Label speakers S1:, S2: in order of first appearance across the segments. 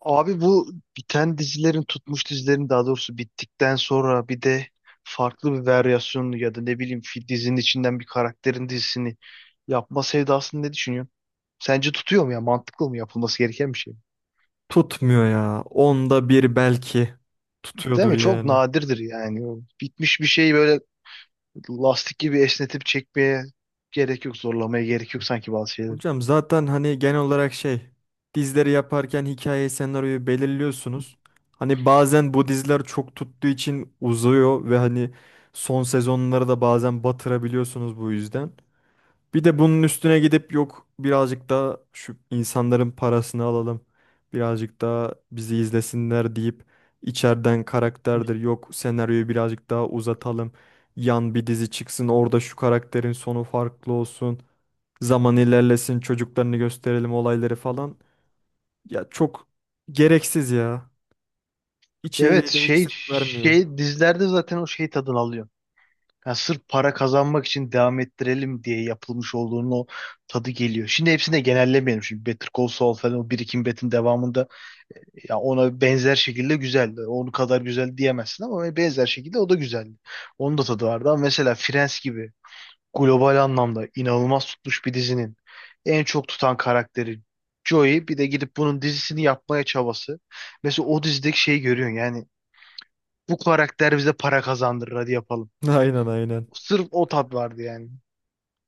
S1: Abi bu biten dizilerin tutmuş dizilerin daha doğrusu bittikten sonra bir de farklı bir varyasyonunu ya da ne bileyim dizinin içinden bir karakterin dizisini yapma sevdasını ne düşünüyorsun? Sence tutuyor mu ya? Mantıklı mı, yapılması gereken bir şey mi?
S2: Tutmuyor ya. Onda bir belki
S1: Değil
S2: tutuyordur
S1: mi? Çok
S2: yani.
S1: nadirdir yani. O bitmiş bir şeyi böyle lastik gibi esnetip çekmeye gerek yok, zorlamaya gerek yok sanki bazı şeyler.
S2: Hocam zaten hani genel olarak şey dizileri yaparken hikayeyi senaryoyu belirliyorsunuz. Hani bazen bu diziler çok tuttuğu için uzuyor ve hani son sezonları da bazen batırabiliyorsunuz bu yüzden. Bir de bunun üstüne gidip yok birazcık daha şu insanların parasını alalım. Birazcık daha bizi izlesinler deyip içeriden karakterdir yok senaryoyu birazcık daha uzatalım. Yan bir dizi çıksın orada şu karakterin sonu farklı olsun. Zaman ilerlesin çocuklarını gösterelim olayları falan. Ya çok gereksiz ya.
S1: Evet,
S2: İçeriği de hiç
S1: şey
S2: zevk vermiyor.
S1: şey dizilerde zaten o şey tadını alıyor. Yani sırf para kazanmak için devam ettirelim diye yapılmış olduğunun o tadı geliyor. Şimdi hepsini de genellemeyelim. Şimdi Better Call Saul falan, o Breaking Bad'in devamında ya, ona benzer şekilde güzeldi. Onu kadar güzel diyemezsin ama benzer şekilde o da güzeldi. Onun da tadı vardı ama mesela Friends gibi global anlamda inanılmaz tutmuş bir dizinin en çok tutan karakteri Joey, bir de gidip bunun dizisini yapmaya çabası. Mesela o dizideki şeyi görüyorsun yani, bu karakter bize para kazandırır hadi yapalım.
S2: Aynen, aynen.
S1: Sırf o tat vardı yani.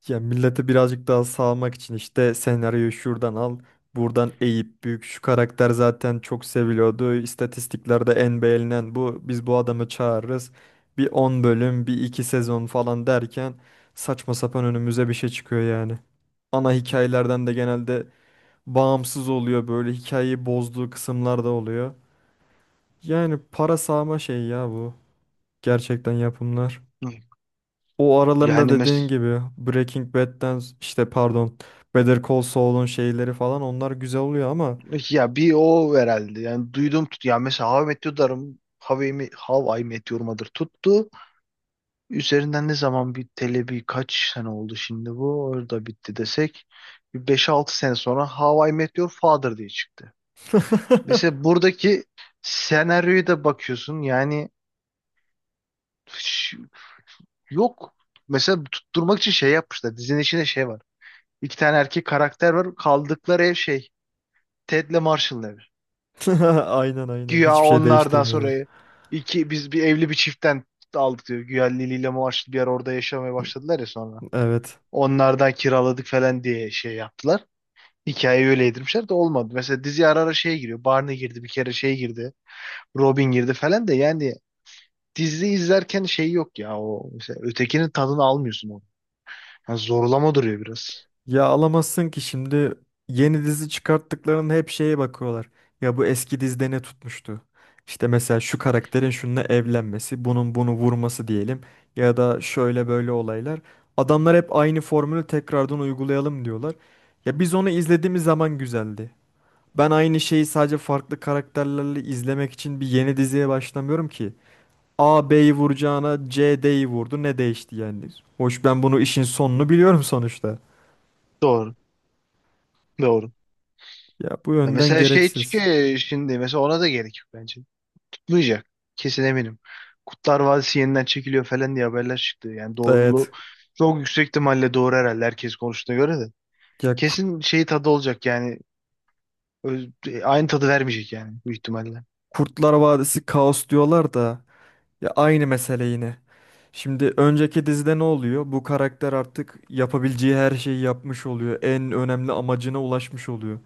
S2: Ya millete birazcık daha sağlamak için işte senaryoyu şuradan al, buradan eğip büyük şu karakter zaten çok seviliyordu. İstatistiklerde en beğenilen bu. Biz bu adamı çağırırız. Bir 10 bölüm, bir 2 sezon falan derken saçma sapan önümüze bir şey çıkıyor yani. Ana hikayelerden de genelde bağımsız oluyor, böyle hikayeyi bozduğu kısımlar da oluyor. Yani para sağma şey ya bu. Gerçekten yapımlar. O aralarında
S1: Yani
S2: dediğin gibi Breaking Bad'den, işte pardon, Better Call Saul'un şeyleri falan onlar güzel oluyor ama
S1: ya bir o herhalde. Yani duydum tut. Ya mesela How I Met Your Darım How I Met How I Met Your Mother tuttu. Üzerinden ne zaman, bir bir kaç sene oldu şimdi bu? Orada bitti desek. Bir beş altı sene sonra How I Met Your Father diye çıktı. Mesela buradaki senaryoya da bakıyorsun. Ş- Yok. Mesela tutturmak için şey yapmışlar. Dizinin içinde şey var. İki tane erkek karakter var. Kaldıkları ev şey, Ted'le Marshall'ın evi.
S2: aynen, aynen,
S1: Güya
S2: hiçbir şey
S1: onlardan
S2: değiştirmiyorlar.
S1: sonra biz bir evli bir çiftten aldık diyor. Güya Lili ile Muaşlı bir yer, orada yaşamaya başladılar ya sonra.
S2: Evet.
S1: Onlardan kiraladık falan diye şey yaptılar. Hikayeyi öyle yedirmişler de olmadı. Mesela dizi ara ara şeye giriyor. Barney girdi bir kere, şey girdi, Robin girdi falan da yani dizi izlerken şey yok ya, o mesela ötekinin tadını almıyorsun onu. Yani zorlama duruyor biraz.
S2: Ya alamazsın ki, şimdi yeni dizi çıkarttıklarının hep şeye bakıyorlar. Ya bu eski dizide ne tutmuştu? İşte mesela şu karakterin şununla evlenmesi, bunun bunu vurması diyelim ya da şöyle böyle olaylar. Adamlar hep aynı formülü tekrardan uygulayalım diyorlar. Ya biz onu izlediğimiz zaman güzeldi. Ben aynı şeyi sadece farklı karakterlerle izlemek için bir yeni diziye başlamıyorum ki. A B'yi vuracağına C D'yi vurdu. Ne değişti yani? Hoş ben bunu, işin sonunu biliyorum sonuçta.
S1: Doğru. Doğru.
S2: Ya bu
S1: Ya
S2: yönden
S1: mesela şey
S2: gereksiz.
S1: çıkıyor şimdi, mesela ona da gerek yok bence. Kutlayacak. Kesin eminim. Kurtlar Vadisi yeniden çekiliyor falan diye haberler çıktı. Yani doğruluğu
S2: Evet.
S1: çok yüksek, ihtimalle doğru herhalde, herkes konuştuğuna göre de.
S2: Ya Kurt-
S1: Kesin şey tadı olacak yani. Aynı tadı vermeyecek yani bu ihtimalle.
S2: Kurtlar Vadisi kaos diyorlar da ya aynı mesele yine. Şimdi önceki dizide ne oluyor? Bu karakter artık yapabileceği her şeyi yapmış oluyor. En önemli amacına ulaşmış oluyor.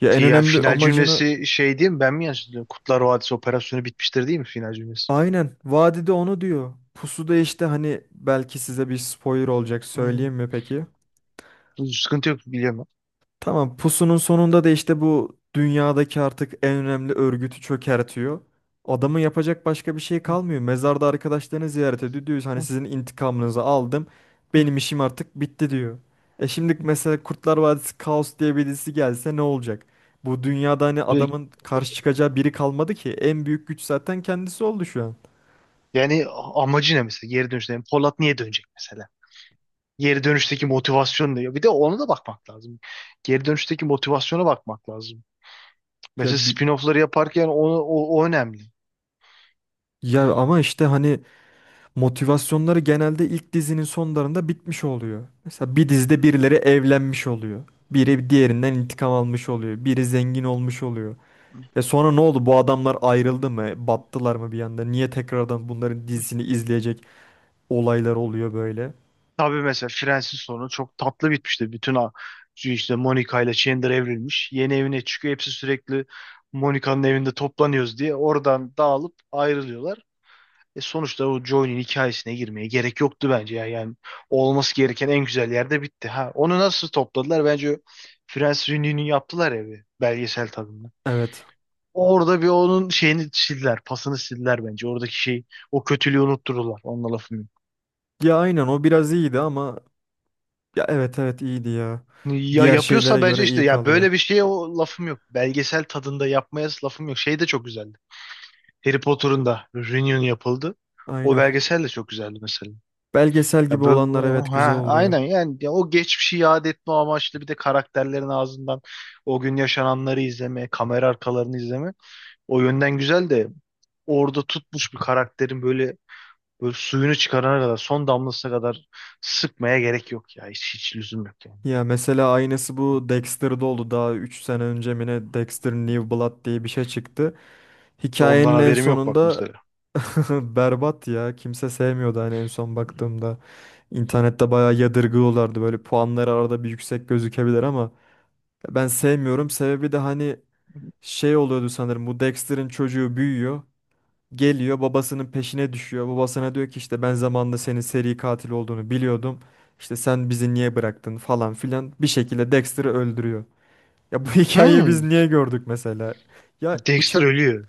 S2: Ya
S1: Ki
S2: en
S1: ya
S2: önemli
S1: final
S2: amacını.
S1: cümlesi şey değil mi? Ben mi yanlış hatırlıyorum? Kurtlar Vadisi operasyonu bitmiştir, değil mi final cümlesi?
S2: Aynen. Vadide onu diyor. Pusu'da, işte hani belki size bir spoiler olacak,
S1: Hmm.
S2: söyleyeyim mi peki?
S1: Sıkıntı yok, biliyorum.
S2: Tamam, Pusu'nun sonunda da işte bu dünyadaki artık en önemli örgütü çökertiyor. Adamın yapacak başka bir şey
S1: Ben. Hı,
S2: kalmıyor. Mezarda arkadaşlarını ziyaret ediyor. Diyor hani sizin intikamınızı aldım.
S1: hı,
S2: Benim işim artık bitti diyor. E şimdi mesela Kurtlar Vadisi Kaos diye birisi gelse ne olacak? Bu dünyada hani
S1: hı.
S2: adamın karşı çıkacağı biri kalmadı ki. En büyük güç zaten kendisi oldu şu an.
S1: Yani amacı ne mesela geri dönüşte? Yani Polat niye dönecek mesela? Geri dönüşteki motivasyon diyor. Bir de ona da bakmak lazım. Geri dönüşteki motivasyona bakmak lazım.
S2: Ya
S1: Mesela
S2: bi-
S1: spin-off'ları yaparken o önemli.
S2: Ya ama işte hani motivasyonları genelde ilk dizinin sonlarında bitmiş oluyor. Mesela bir dizide birileri evlenmiş oluyor. Biri diğerinden intikam almış oluyor. Biri zengin olmuş oluyor. E sonra ne oldu? Bu adamlar ayrıldı mı? Battılar mı bir anda? Niye tekrardan bunların dizisini izleyecek olaylar oluyor böyle?
S1: Tabii mesela Friends'in sonu çok tatlı bitmişti. Bütün a- işte Monica ile Chandler evrilmiş. Yeni evine çıkıyor. Hepsi sürekli Monica'nın evinde toplanıyoruz diye. Oradan dağılıp ayrılıyorlar. E sonuçta o John'un hikayesine girmeye gerek yoktu bence ya. Yani olması gereken en güzel yerde bitti. Ha, onu nasıl topladılar? Bence Prens Rini'nin yaptılar ya, bir belgesel tadında.
S2: Evet.
S1: Orada bir onun şeyini sildiler, pasını sildiler bence. Oradaki şey, o kötülüğü unuttururlar. Onunla lafım yok.
S2: Ya aynen o biraz iyiydi ama ya evet, evet, iyiydi ya.
S1: Ya
S2: Diğer şeylere
S1: yapıyorsa bence
S2: göre
S1: işte,
S2: iyi
S1: ya
S2: kalıyor.
S1: böyle bir şeye o lafım yok. Belgesel tadında yapmaya lafım yok. Şey de çok güzeldi. Harry Potter'ın da reunion yapıldı. O
S2: Aynen.
S1: belgesel de çok güzeldi mesela.
S2: Belgesel gibi
S1: Ya
S2: olanlar evet güzel
S1: ha,
S2: oluyor.
S1: aynen yani, ya o geçmişi yad etme amaçlı, bir de karakterlerin ağzından o gün yaşananları izleme, kamera arkalarını izleme. O yönden güzel de, orada tutmuş bir karakterin böyle, böyle suyunu çıkarana kadar, son damlasına kadar sıkmaya gerek yok ya. Hiç, hiç lüzum yok yani.
S2: Ya mesela aynısı bu Dexter'da oldu. Daha 3 sene önce mi ne, Dexter New Blood diye bir şey çıktı.
S1: De ondan
S2: Hikayenin en
S1: haberim yok bak
S2: sonunda
S1: mesela.
S2: berbat ya. Kimse sevmiyordu hani en son baktığımda. İnternette bayağı yadırgıyorlardı. Böyle puanları arada bir yüksek gözükebilir ama ben sevmiyorum. Sebebi de hani şey oluyordu sanırım. Bu Dexter'ın çocuğu büyüyor. Geliyor babasının peşine düşüyor. Babasına diyor ki işte ben zamanında senin seri katil olduğunu biliyordum. İşte sen bizi niye bıraktın falan filan. Bir şekilde Dexter'ı öldürüyor. Ya bu hikayeyi biz
S1: Hmm.
S2: niye gördük mesela? Ya
S1: Dexter
S2: bıçak
S1: ölüyor.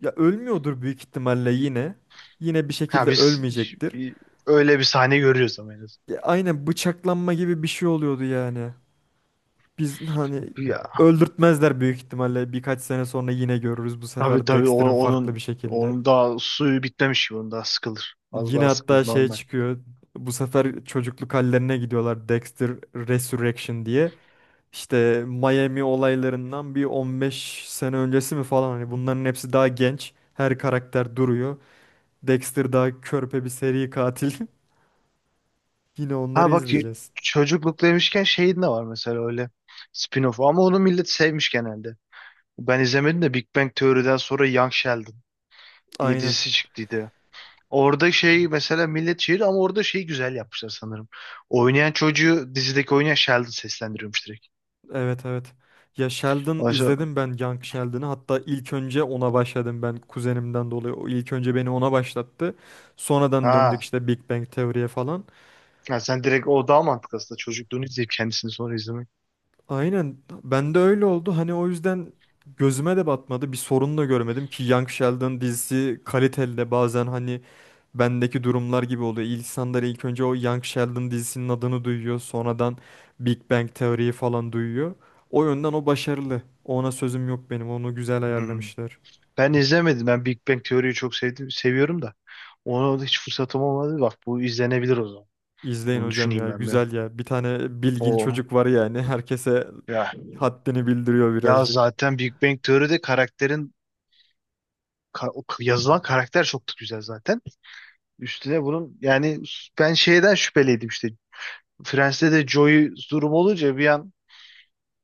S2: ya ölmüyordur büyük ihtimalle yine. Yine bir
S1: Ha
S2: şekilde
S1: biz
S2: ölmeyecektir.
S1: öyle bir sahne görüyoruz ama en
S2: Ya aynen bıçaklanma gibi bir şey oluyordu yani. Biz hani
S1: azından.
S2: öldürtmezler büyük ihtimalle. Birkaç sene sonra yine görürüz bu
S1: Tabii
S2: sefer
S1: tabii, o-
S2: Dexter'ın farklı
S1: onun
S2: bir şekilde.
S1: onun daha suyu bitmemiş gibi, onun daha sıkılır. Az
S2: Yine
S1: daha
S2: hatta
S1: sıkılır
S2: şey
S1: normal.
S2: çıkıyor. Bu sefer çocukluk hallerine gidiyorlar. Dexter Resurrection diye. İşte Miami olaylarından bir 15 sene öncesi mi falan. Hani bunların hepsi daha genç. Her karakter duruyor. Dexter daha körpe bir seri katil. Yine onları
S1: Ha bak,
S2: izleyeceğiz.
S1: çocukluk demişken şeyin de var mesela, öyle spin-off ama onu millet sevmiş genelde. Ben izlemedim de, Big Bang Theory'den sonra Young Sheldon diye
S2: Aynen.
S1: dizisi çıktıydı. Orada şey mesela, millet şiir ama orada şeyi güzel yapmışlar sanırım. Oynayan çocuğu dizideki oynayan Sheldon seslendiriyormuş direkt.
S2: Evet, evet. Ya Sheldon
S1: Oysa,
S2: izledim ben, Young Sheldon'ı. Hatta ilk önce ona başladım ben kuzenimden dolayı. O ilk önce beni ona başlattı. Sonradan döndük
S1: ha,
S2: işte Big Bang Teori'ye falan.
S1: ha sen direkt, o daha mantıklı aslında, çocukluğunu izleyip kendisini sonra izlemek.
S2: Aynen. Ben de öyle oldu. Hani o yüzden gözüme de batmadı. Bir sorun da görmedim ki, Young Sheldon dizisi kaliteli de bazen hani bendeki durumlar gibi oluyor. İnsanlar ilk önce o Young Sheldon dizisinin adını duyuyor. Sonradan Big Bang teoriyi falan duyuyor. O yönden o başarılı. Ona sözüm yok benim. Onu güzel
S1: Hmm.
S2: ayarlamışlar.
S1: Ben izlemedim. Ben Big Bang Teori'yi çok sevdim, seviyorum da. Ona da hiç fırsatım olmadı. Bak, bu izlenebilir o zaman.
S2: İzleyin
S1: Bunu
S2: hocam
S1: düşüneyim
S2: ya.
S1: ben bir.
S2: Güzel ya. Bir tane bilgin
S1: O
S2: çocuk var yani. Herkese
S1: ya
S2: haddini bildiriyor
S1: ya
S2: birazcık.
S1: zaten Big Bang Teori'de karakterin, yazılan karakter çok da güzel zaten. Üstüne bunun yani, ben şeyden şüpheliydim işte. Friends'te de Joey durum olunca bir an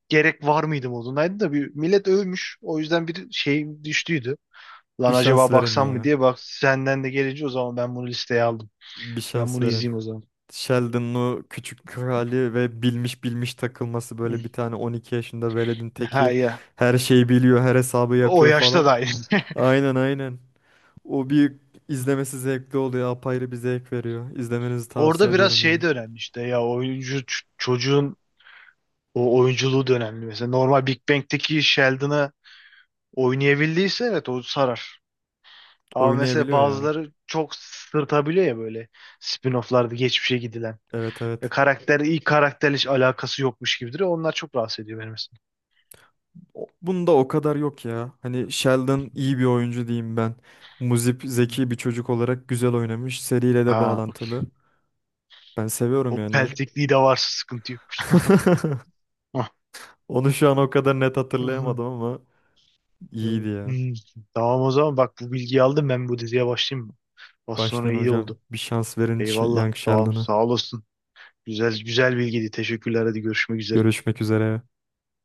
S1: gerek var mıydı modundaydı da, bir millet övmüş. O yüzden bir şey düştüydü.
S2: Bir
S1: Lan
S2: şans
S1: acaba
S2: verin
S1: baksam mı
S2: ya.
S1: diye, bak senden de gelince o zaman ben bunu listeye aldım.
S2: Bir
S1: Ben
S2: şans
S1: bunu
S2: verin.
S1: izleyeyim o zaman.
S2: Sheldon'lu küçük krali ve bilmiş bilmiş takılması, böyle bir tane 12 yaşında veledin
S1: Ha
S2: teki
S1: ya.
S2: her şeyi biliyor, her hesabı
S1: O
S2: yapıyor
S1: yaşta
S2: falan.
S1: da aynı.
S2: Aynen, aynen. O bir izlemesi zevkli oluyor, apayrı bir zevk veriyor. İzlemenizi tavsiye
S1: Orada biraz
S2: ediyorum yani.
S1: şey de önemli işte, ya oyuncu, çocuğun o oyunculuğu da önemli. Mesela normal Big Bang'teki Sheldon'ı oynayabildiyse evet o sarar. Ama mesela
S2: Oynayabiliyor ya.
S1: bazıları çok sırtabiliyor ya, böyle spin-off'larda geçmişe gidilen.
S2: Evet,
S1: Ve
S2: evet.
S1: karakter ilk karakterle hiç alakası yokmuş gibidir. Onlar çok rahatsız ediyor beni mesela.
S2: Bunda o kadar yok ya. Hani Sheldon iyi bir oyuncu diyeyim ben. Muzip
S1: Hı.
S2: zeki bir çocuk olarak güzel oynamış. Seriyle de
S1: Ha,
S2: bağlantılı. Ben seviyorum
S1: o
S2: yani ya.
S1: peltekliği de varsa sıkıntı yok. Hah.
S2: Onu şu an o kadar net
S1: Hı hı.
S2: hatırlayamadım ama
S1: Hı.
S2: İyiydi ya.
S1: Tamam o zaman, bak bu bilgiyi aldım, ben bu diziye başlayayım mı? Az sonra
S2: Baştan
S1: iyi
S2: hocam
S1: oldu.
S2: bir şans verin
S1: Eyvallah.
S2: Young
S1: Tamam,
S2: Sheldon'a.
S1: sağ olasın. Güzel güzel bilgiydi. Teşekkürler. Hadi, görüşmek üzere.
S2: Görüşmek üzere.